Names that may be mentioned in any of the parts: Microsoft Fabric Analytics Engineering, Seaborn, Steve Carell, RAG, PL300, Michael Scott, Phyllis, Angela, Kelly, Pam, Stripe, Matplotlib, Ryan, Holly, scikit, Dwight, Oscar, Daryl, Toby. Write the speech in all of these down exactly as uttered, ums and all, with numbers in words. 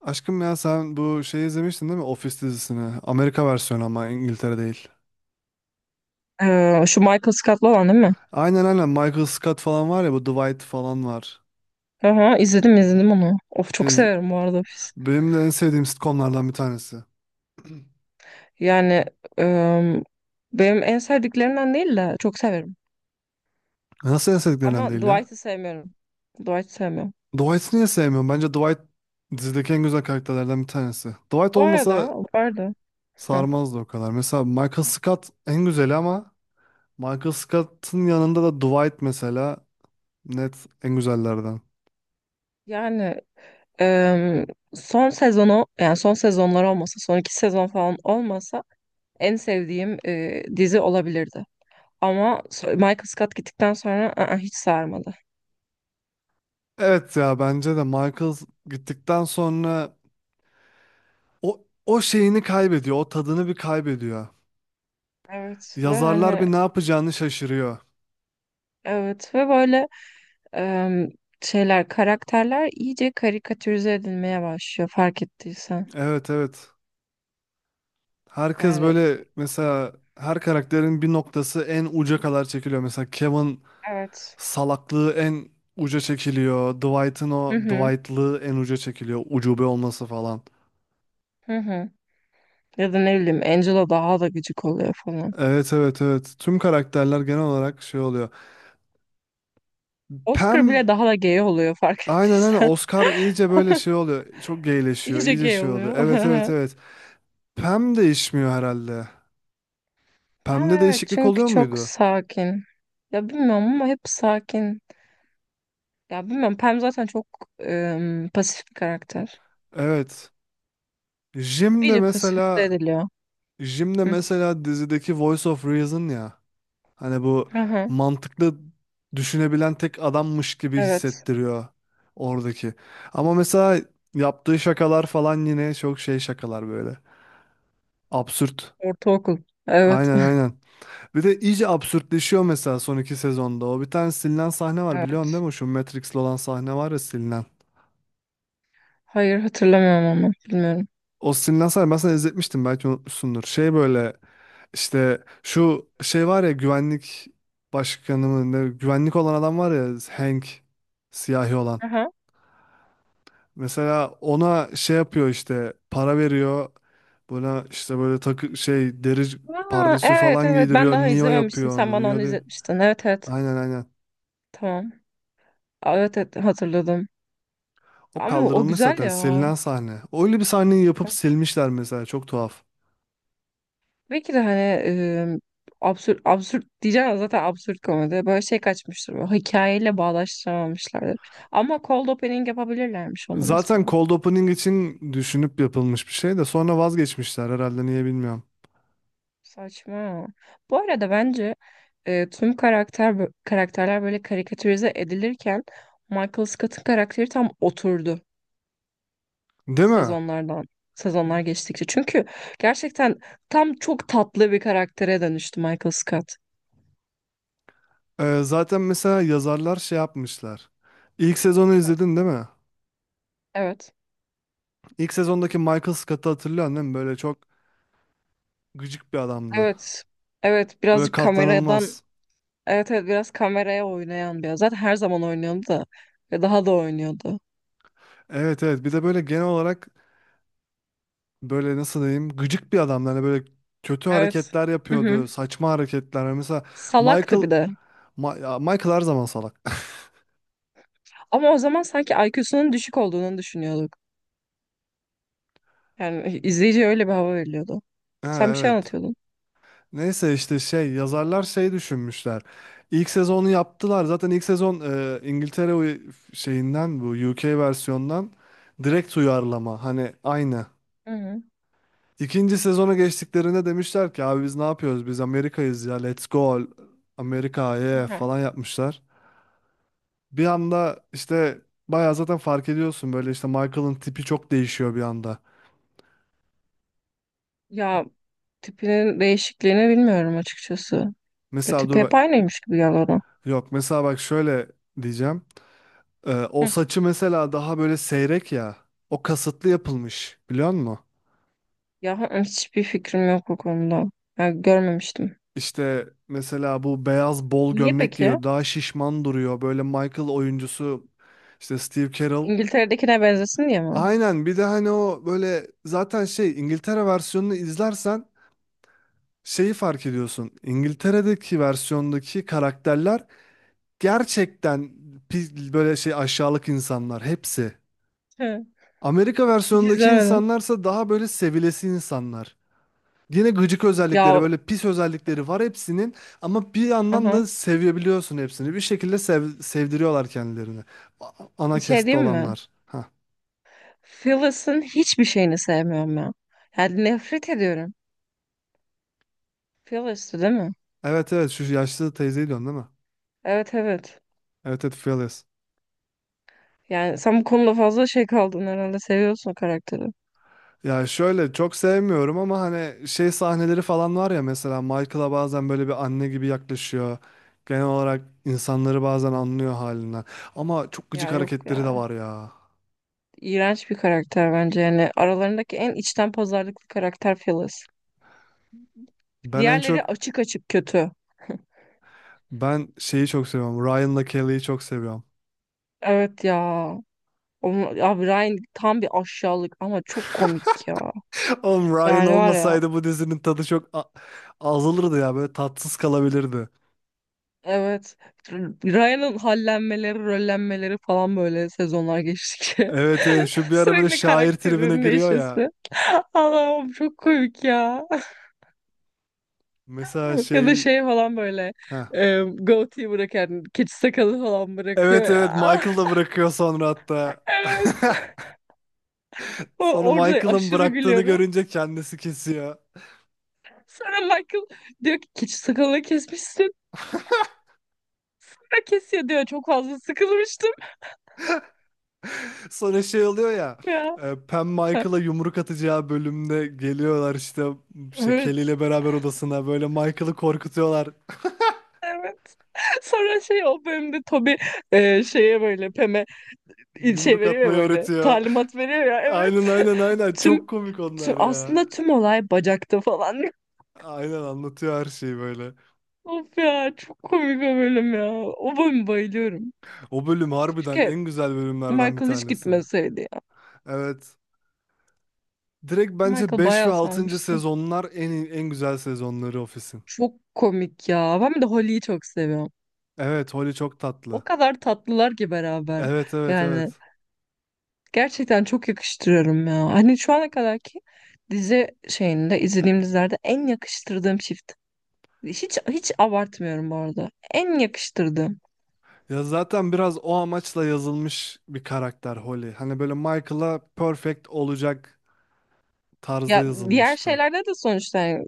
Aşkım ya sen bu şeyi izlemiştin değil mi? Office dizisini. Amerika versiyonu ama İngiltere değil. Ee, şu Michael Scott'lı olan değil mi? Aynen aynen Michael Scott falan var ya bu Dwight falan var. Aha, izledim izledim onu. Of çok İz- severim bu arada Office. Benim de en sevdiğim sitcomlardan bir tanesi. Yani em, benim en sevdiklerimden değil de çok severim. Nasıl en sevdiklerinden Ama değil ya? Dwight'ı sevmiyorum. Dwight'ı sevmiyorum. Dwight'ı niye sevmiyorum? Bence Dwight dizideki en güzel karakterlerden bir tanesi. Dwight Bu olmasa arada, bu arada heh, sarmazdı o kadar. Mesela Michael Scott en güzeli ama Michael Scott'ın yanında da Dwight mesela net en güzellerden. yani em, son sezonu yani son sezonlar olmasa son iki sezon falan olmasa en sevdiğim e, dizi olabilirdi. Ama so- Michael Scott gittikten sonra ı-ı, hiç sarmadı. Evet ya bence de Michael gittikten sonra O, o şeyini kaybediyor. O tadını bir kaybediyor. Evet ve Yazarlar hani bir ne yapacağını şaşırıyor. evet ve böyle em, şeyler, karakterler iyice karikatürize edilmeye başlıyor fark ettiysen. Evet evet. Herkes Yani böyle mesela her karakterin bir noktası en uca kadar çekiliyor. Mesela Kevin evet. salaklığı en uca çekiliyor. Dwight'ın Hı o hı, Dwight'lığı en uca çekiliyor. Ucube olması falan. hı hı. Ya da ne bileyim Angela daha da gıcık oluyor falan. Evet evet evet. Tüm karakterler genel olarak şey oluyor. Oscar Pam bile daha da gay oluyor fark aynen aynen ettiysen. Oscar iyice böyle şey oluyor. Çok geyleşiyor. İyice İyice gay şey oluyor. oluyor. Evet evet evet. Pam değişmiyor herhalde. Pam Pem'de evet değişiklik çünkü oluyor çok muydu? sakin. Ya bilmiyorum ama hep sakin. Ya bilmiyorum Pam zaten çok em, pasif bir karakter. Evet. Jim'de İyice pasifize mesela ediliyor. Jim'de Hı. mesela dizideki Voice of Reason ya. Hani bu Aha, mantıklı düşünebilen tek adammış gibi evet. hissettiriyor oradaki. Ama mesela yaptığı şakalar falan yine çok şey şakalar böyle. Absürt. Ortaokul. Evet. Aynen aynen. Bir de iyice absürtleşiyor mesela son iki sezonda. O bir tane silinen sahne var biliyorsun Evet. değil mi? Şu Matrix'li olan sahne var ya silinen. Hayır hatırlamıyorum ama bilmiyorum. Austin Lancer ben sana izletmiştim belki unutmuşsundur. Şey böyle işte şu şey var ya güvenlik başkanı mı ne, güvenlik olan adam var ya Hank siyahi olan. Aha. Mesela ona şey yapıyor işte para veriyor. Buna işte böyle takı şey deri Aa, pardesü evet falan evet ben giydiriyor. daha Neo izlememiştim. yapıyor Sen onu. bana Neo onu değil. izletmiştin. Evet evet Aynen aynen. tamam. Aa, Evet evet hatırladım. O Ama o kaldırılmış güzel zaten ya. silinen sahne. Öyle bir sahneyi yapıp silmişler mesela çok tuhaf. Belki de hani e, absürt absürt diyeceğim ama zaten absürt komedi. Böyle şey kaçmıştır. Böyle, hikayeyle bağdaştıramamışlardır. Ama cold opening yapabilirlermiş onu Zaten mesela. cold opening için düşünüp yapılmış bir şey de sonra vazgeçmişler herhalde niye bilmiyorum. Saçma. Bu arada bence e, tüm karakter karakterler böyle karikatürize edilirken Michael Scott'ın karakteri tam oturdu. Değil mi? sezonlardan sezonlar geçtikçe. Çünkü gerçekten tam çok tatlı bir karaktere dönüştü Michael Scott. Ee, zaten mesela yazarlar şey yapmışlar. İlk sezonu izledin değil mi? Evet. İlk sezondaki Michael Scott'ı hatırlıyorsun değil mi? Böyle çok gıcık bir adamdı. Evet. Evet Böyle birazcık kameradan, katlanılmaz. evet evet, biraz kameraya oynayan bir. Zaten her zaman oynuyordu da ve daha da oynuyordu. Evet evet bir de böyle genel olarak böyle nasıl diyeyim gıcık bir adamdı. Hani böyle kötü Evet. hareketler Hı hı. yapıyordu. Saçma hareketler. Mesela Michael Salaktı bir de. Ma- ya Michael her zaman salak. Ama o zaman sanki I Q'sunun düşük olduğunu düşünüyorduk. Yani izleyici öyle bir hava veriliyordu. Ha, Sen bir şey evet. anlatıyordun. Neyse işte şey yazarlar şey düşünmüşler. İlk sezonu yaptılar. Zaten ilk sezon e, İngiltere uy- şeyinden bu U K versiyondan direkt uyarlama. Hani aynı. Hı hı. İkinci sezona geçtiklerinde demişler ki abi biz ne yapıyoruz? Biz Amerika'yız ya. Let's go Amerika Hı yeah hı. falan yapmışlar. Bir anda işte bayağı zaten fark ediyorsun böyle işte Michael'ın tipi çok değişiyor bir anda. Ya tipinin değişikliğini bilmiyorum açıkçası. E, Mesela Tepe dur hep bak aynıymış gibi geldi ona. yok mesela bak şöyle diyeceğim. Ee, o Hı. saçı mesela daha böyle seyrek ya. O kasıtlı yapılmış biliyor musun? Ya hani hiçbir fikrim yok bu konuda. Ya, görmemiştim. İşte mesela bu beyaz bol Niye gömlek peki? giyiyor. Daha şişman duruyor. Böyle Michael oyuncusu işte Steve Carell. İngiltere'dekine benzesin diye mi? Aynen bir de hani o böyle zaten şey İngiltere versiyonunu izlersen şeyi fark ediyorsun. İngiltere'deki versiyondaki karakterler gerçekten pi- böyle şey aşağılık insanlar hepsi. Hı. Amerika Hiç versiyonundaki izlemedim. insanlarsa daha böyle sevilesi insanlar. Yine gıcık özellikleri Ya böyle pis özellikleri var hepsinin ama bir yandan da aha. sevebiliyorsun hepsini. Bir şekilde sev- sevdiriyorlar kendilerini. A- Ana Bir şey keste diyeyim mi? olanlar. Ha. Phyllis'ın hiçbir şeyini sevmiyorum ya. Yani nefret ediyorum. Phyllis'tı değil mi? Evet evet şu yaşlı teyzeyi diyorsun değil mi? Evet evet. Evet evet Phyllis. Yani sen bu konuda fazla şey kaldın herhalde. Seviyorsun karakteri. Ya şöyle çok sevmiyorum ama hani şey sahneleri falan var ya mesela Michael'a bazen böyle bir anne gibi yaklaşıyor. Genel olarak insanları bazen anlıyor halinden. Ama çok gıcık Ya yok hareketleri de ya. var ya. İğrenç bir karakter bence. Yani aralarındaki en içten pazarlıklı karakter Phyllis. Ben en Diğerleri çok açık açık kötü. Ben şeyi çok seviyorum. Ryan'la Kelly'yi çok seviyorum. Evet ya. Onu, ya Ryan tam bir aşağılık ama çok komik ya. Oğlum Ryan Yani var ya olmasaydı bu dizinin tadı çok a- azalırdı ya. Böyle tatsız kalabilirdi. evet Ryan'ın hallenmeleri, rollenmeleri falan böyle sezonlar geçtikçe Evet evet şu bir ara böyle sürekli şair tribine karakterinin giriyor ya. değişmesi. Allah'ım çok komik ya. Mesela Ya da şey... şey falan böyle Heh. e, goatee bırakan keçi sakalı falan bırakıyor Evet ya. evet Michael da bırakıyor sonra hatta. Evet. O, Sonra orada Michael'ın aşırı bıraktığını gülüyorum. görünce kendisi kesiyor. Sonra Michael diyor ki keçi sakalını kesmişsin. "Ha, kesiyor diyor çok fazla sıkılmıştım. Sonra şey oluyor ya. Ya. e, Pam Michael'a yumruk atacağı bölümde geliyorlar işte şey, Kelly Evet. ile beraber odasına böyle Michael'ı korkutuyorlar. Evet. Sonra şey o bölümde Toby e, şeye böyle Pem'e şey Yumruk veriyor ya atmayı böyle öğretiyor. talimat veriyor ya Aynen evet. aynen aynen çok Tüm, komik tüm onlar ya. aslında tüm olay bacakta falan. Aynen anlatıyor her şeyi böyle. Of ya çok komik o bölüm ya. O bölüm bayılıyorum. O bölüm harbiden Keşke en güzel bölümlerden bir Michael hiç tanesi. gitmeseydi ya. Evet. Direkt bence Michael beş ve bayağı altıncı sarmıştı. sezonlar en en güzel sezonları Office'in. Çok komik ya. Ben bir de Holly'yi çok seviyorum. Evet, Holly çok O tatlı. kadar tatlılar ki beraber. Evet evet Yani evet. Gerçekten çok yakıştırıyorum ya. Hani şu ana kadarki dizi şeyinde izlediğim dizilerde en yakıştırdığım çift. Hiç hiç abartmıyorum bu arada. En yakıştırdığım. Ya zaten biraz o amaçla yazılmış bir karakter Holly. Hani böyle Michael'a perfect olacak tarzda Ya diğer yazılmıştı. şeylerde de sonuçta yani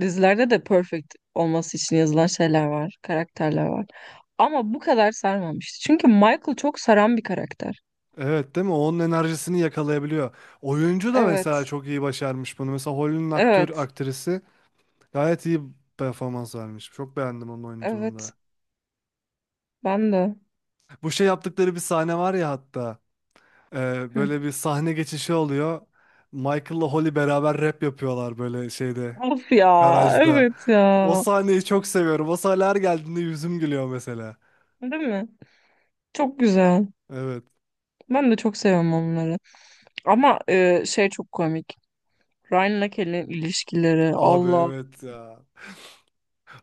dizilerde de perfect olması için yazılan şeyler var, karakterler var. Ama bu kadar sarmamıştı. Çünkü Michael çok saran bir karakter. Evet değil mi? Onun enerjisini yakalayabiliyor. Oyuncu da mesela Evet. çok iyi başarmış bunu. Mesela Holly'nin aktör, Evet. aktrisi gayet iyi performans vermiş. Çok beğendim onun oyunculuğunu Evet. da. Ben de. Bu şey yaptıkları bir sahne var ya hatta. e, Hı. Böyle bir sahne geçişi oluyor. Michael'la Holly beraber rap yapıyorlar böyle şeyde, Of ya. garajda. Evet O ya. sahneyi çok seviyorum. O sahne her geldiğinde yüzüm gülüyor mesela. Değil mi? Çok güzel. Evet. Ben de çok seviyorum onları. Ama e, şey çok komik. Ryan'la Kelly'nin ilişkileri. Abi Allah. evet ya.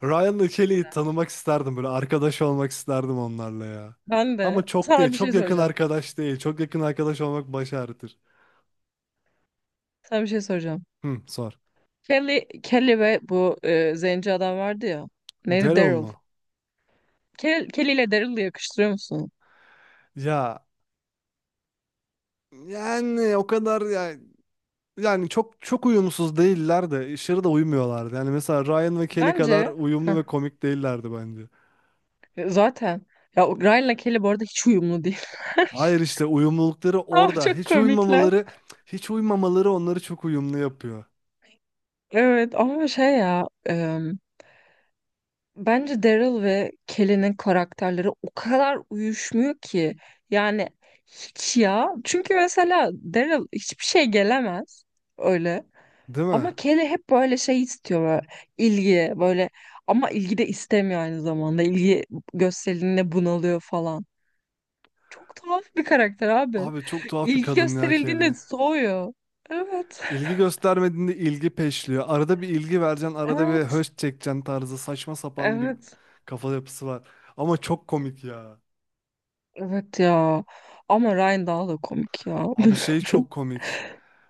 Ryan'la Kelly'yi tanımak isterdim böyle arkadaş olmak isterdim onlarla ya. Ben de Ama çok değil. sana bir şey Çok yakın soracağım. arkadaş değil. Çok yakın arkadaş olmak baş ağrıtır. Sana bir şey soracağım. Hı, sor. Kelly, Kelly ve bu e, zenci adam vardı ya. Neydi? Daryl Daryl. mı? Kelly, Kelly ile Daryl'ı yakıştırıyor musun? Ya yani o kadar yani, yani çok çok uyumsuz değiller de aşırı da uymuyorlardı. Yani mesela Ryan ve Kelly kadar Bence uyumlu heh, ve komik değillerdi bence. zaten ya o Ryan'la Kelly bu arada hiç uyumlu değil. Hayır işte uyumlulukları Ama orada. çok Hiç komikler. uymamaları, hiç uymamaları onları çok uyumlu yapıyor. Evet ama şey ya Bence Daryl ve Kelly'nin karakterleri o kadar uyuşmuyor ki. Yani hiç ya. Çünkü mesela Daryl hiçbir şey gelemez öyle. Değil mi? Ama Kelly hep böyle şey istiyor böyle ilgi böyle ama ilgi de istemiyor aynı zamanda. İlgi gösterildiğinde bunalıyor falan. Çok tuhaf bir karakter abi. Abi çok tuhaf bir İlgi kadın ya gösterildiğinde Kelly. soğuyor. Evet. İlgi göstermediğinde ilgi peşliyor. Arada bir ilgi vereceksin, arada bir Evet. höş çekeceksin tarzı saçma sapan bir Evet. kafa yapısı var. Ama çok komik ya. Evet ya. Ama Ryan daha da komik ya. Abi şey Bilmiyorum. çok komik.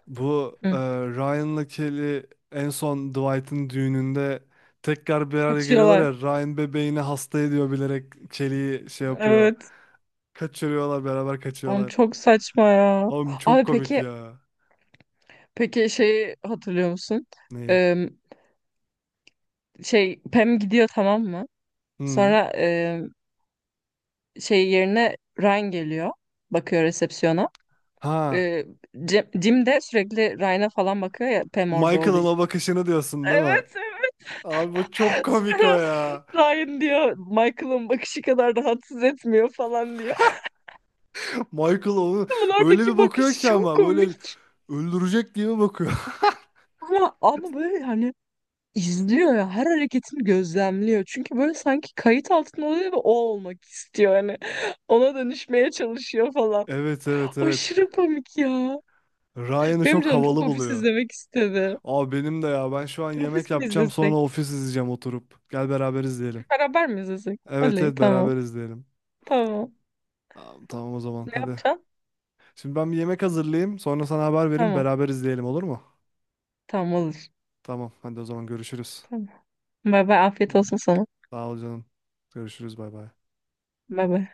Bu e, Ryan'la Kelly en son Dwight'ın düğününde tekrar bir araya geliyorlar Kaçıyorlar. ya Ryan bebeğini hasta ediyor bilerek Kelly'yi şey yapıyor. Evet. Kaçırıyorlar beraber Oğlum kaçıyorlar. çok saçma ya. Oğlum çok Abi komik peki ya. peki şeyi hatırlıyor musun? Neyi? Ee, Şey Pam gidiyor tamam mı? Hı. Sonra e, şey yerine Ryan geliyor. Bakıyor resepsiyona. Ha. Ee, Jim, Jim de sürekli Ryan'a falan bakıyor ya Pam orada olduğu Michael'ın o için. bakışını diyorsun değil mi? Evet evet. Abi bu çok komik o Sonra ya. Ryan diyor Michael'ın bakışı kadar rahatsız etmiyor falan diyor. Michael onu Bunun öyle bir oradaki bakıyor bakışı ki çok ama böyle komik. öldürecek diye mi bakıyor. Ama, ama böyle hani izliyor ya her hareketini gözlemliyor. Çünkü böyle sanki kayıt altında oluyor ve o olmak istiyor yani, Ona dönüşmeye çalışıyor falan. Evet evet evet. Aşırı komik ya. Ryan'ı Benim çok canım çok havalı ofis buluyor. izlemek istedi. Abi benim de ya ben şu an Ofis yemek mi yapacağım sonra izlesek? ofis izleyeceğim oturup. Gel beraber izleyelim. Beraber mi izlesek? Evet Oley evet tamam. beraber izleyelim. Tamam. Tamam, tamam o zaman Ne hadi. yapacaksın? Şimdi ben bir yemek hazırlayayım sonra sana haber vereyim Tamam. beraber izleyelim olur mu? Tamam olur. Tamam hadi o zaman görüşürüz. Tamam. Bay bay afiyet olsun sana. Sağ ol canım. Görüşürüz bay bay. Bay bay.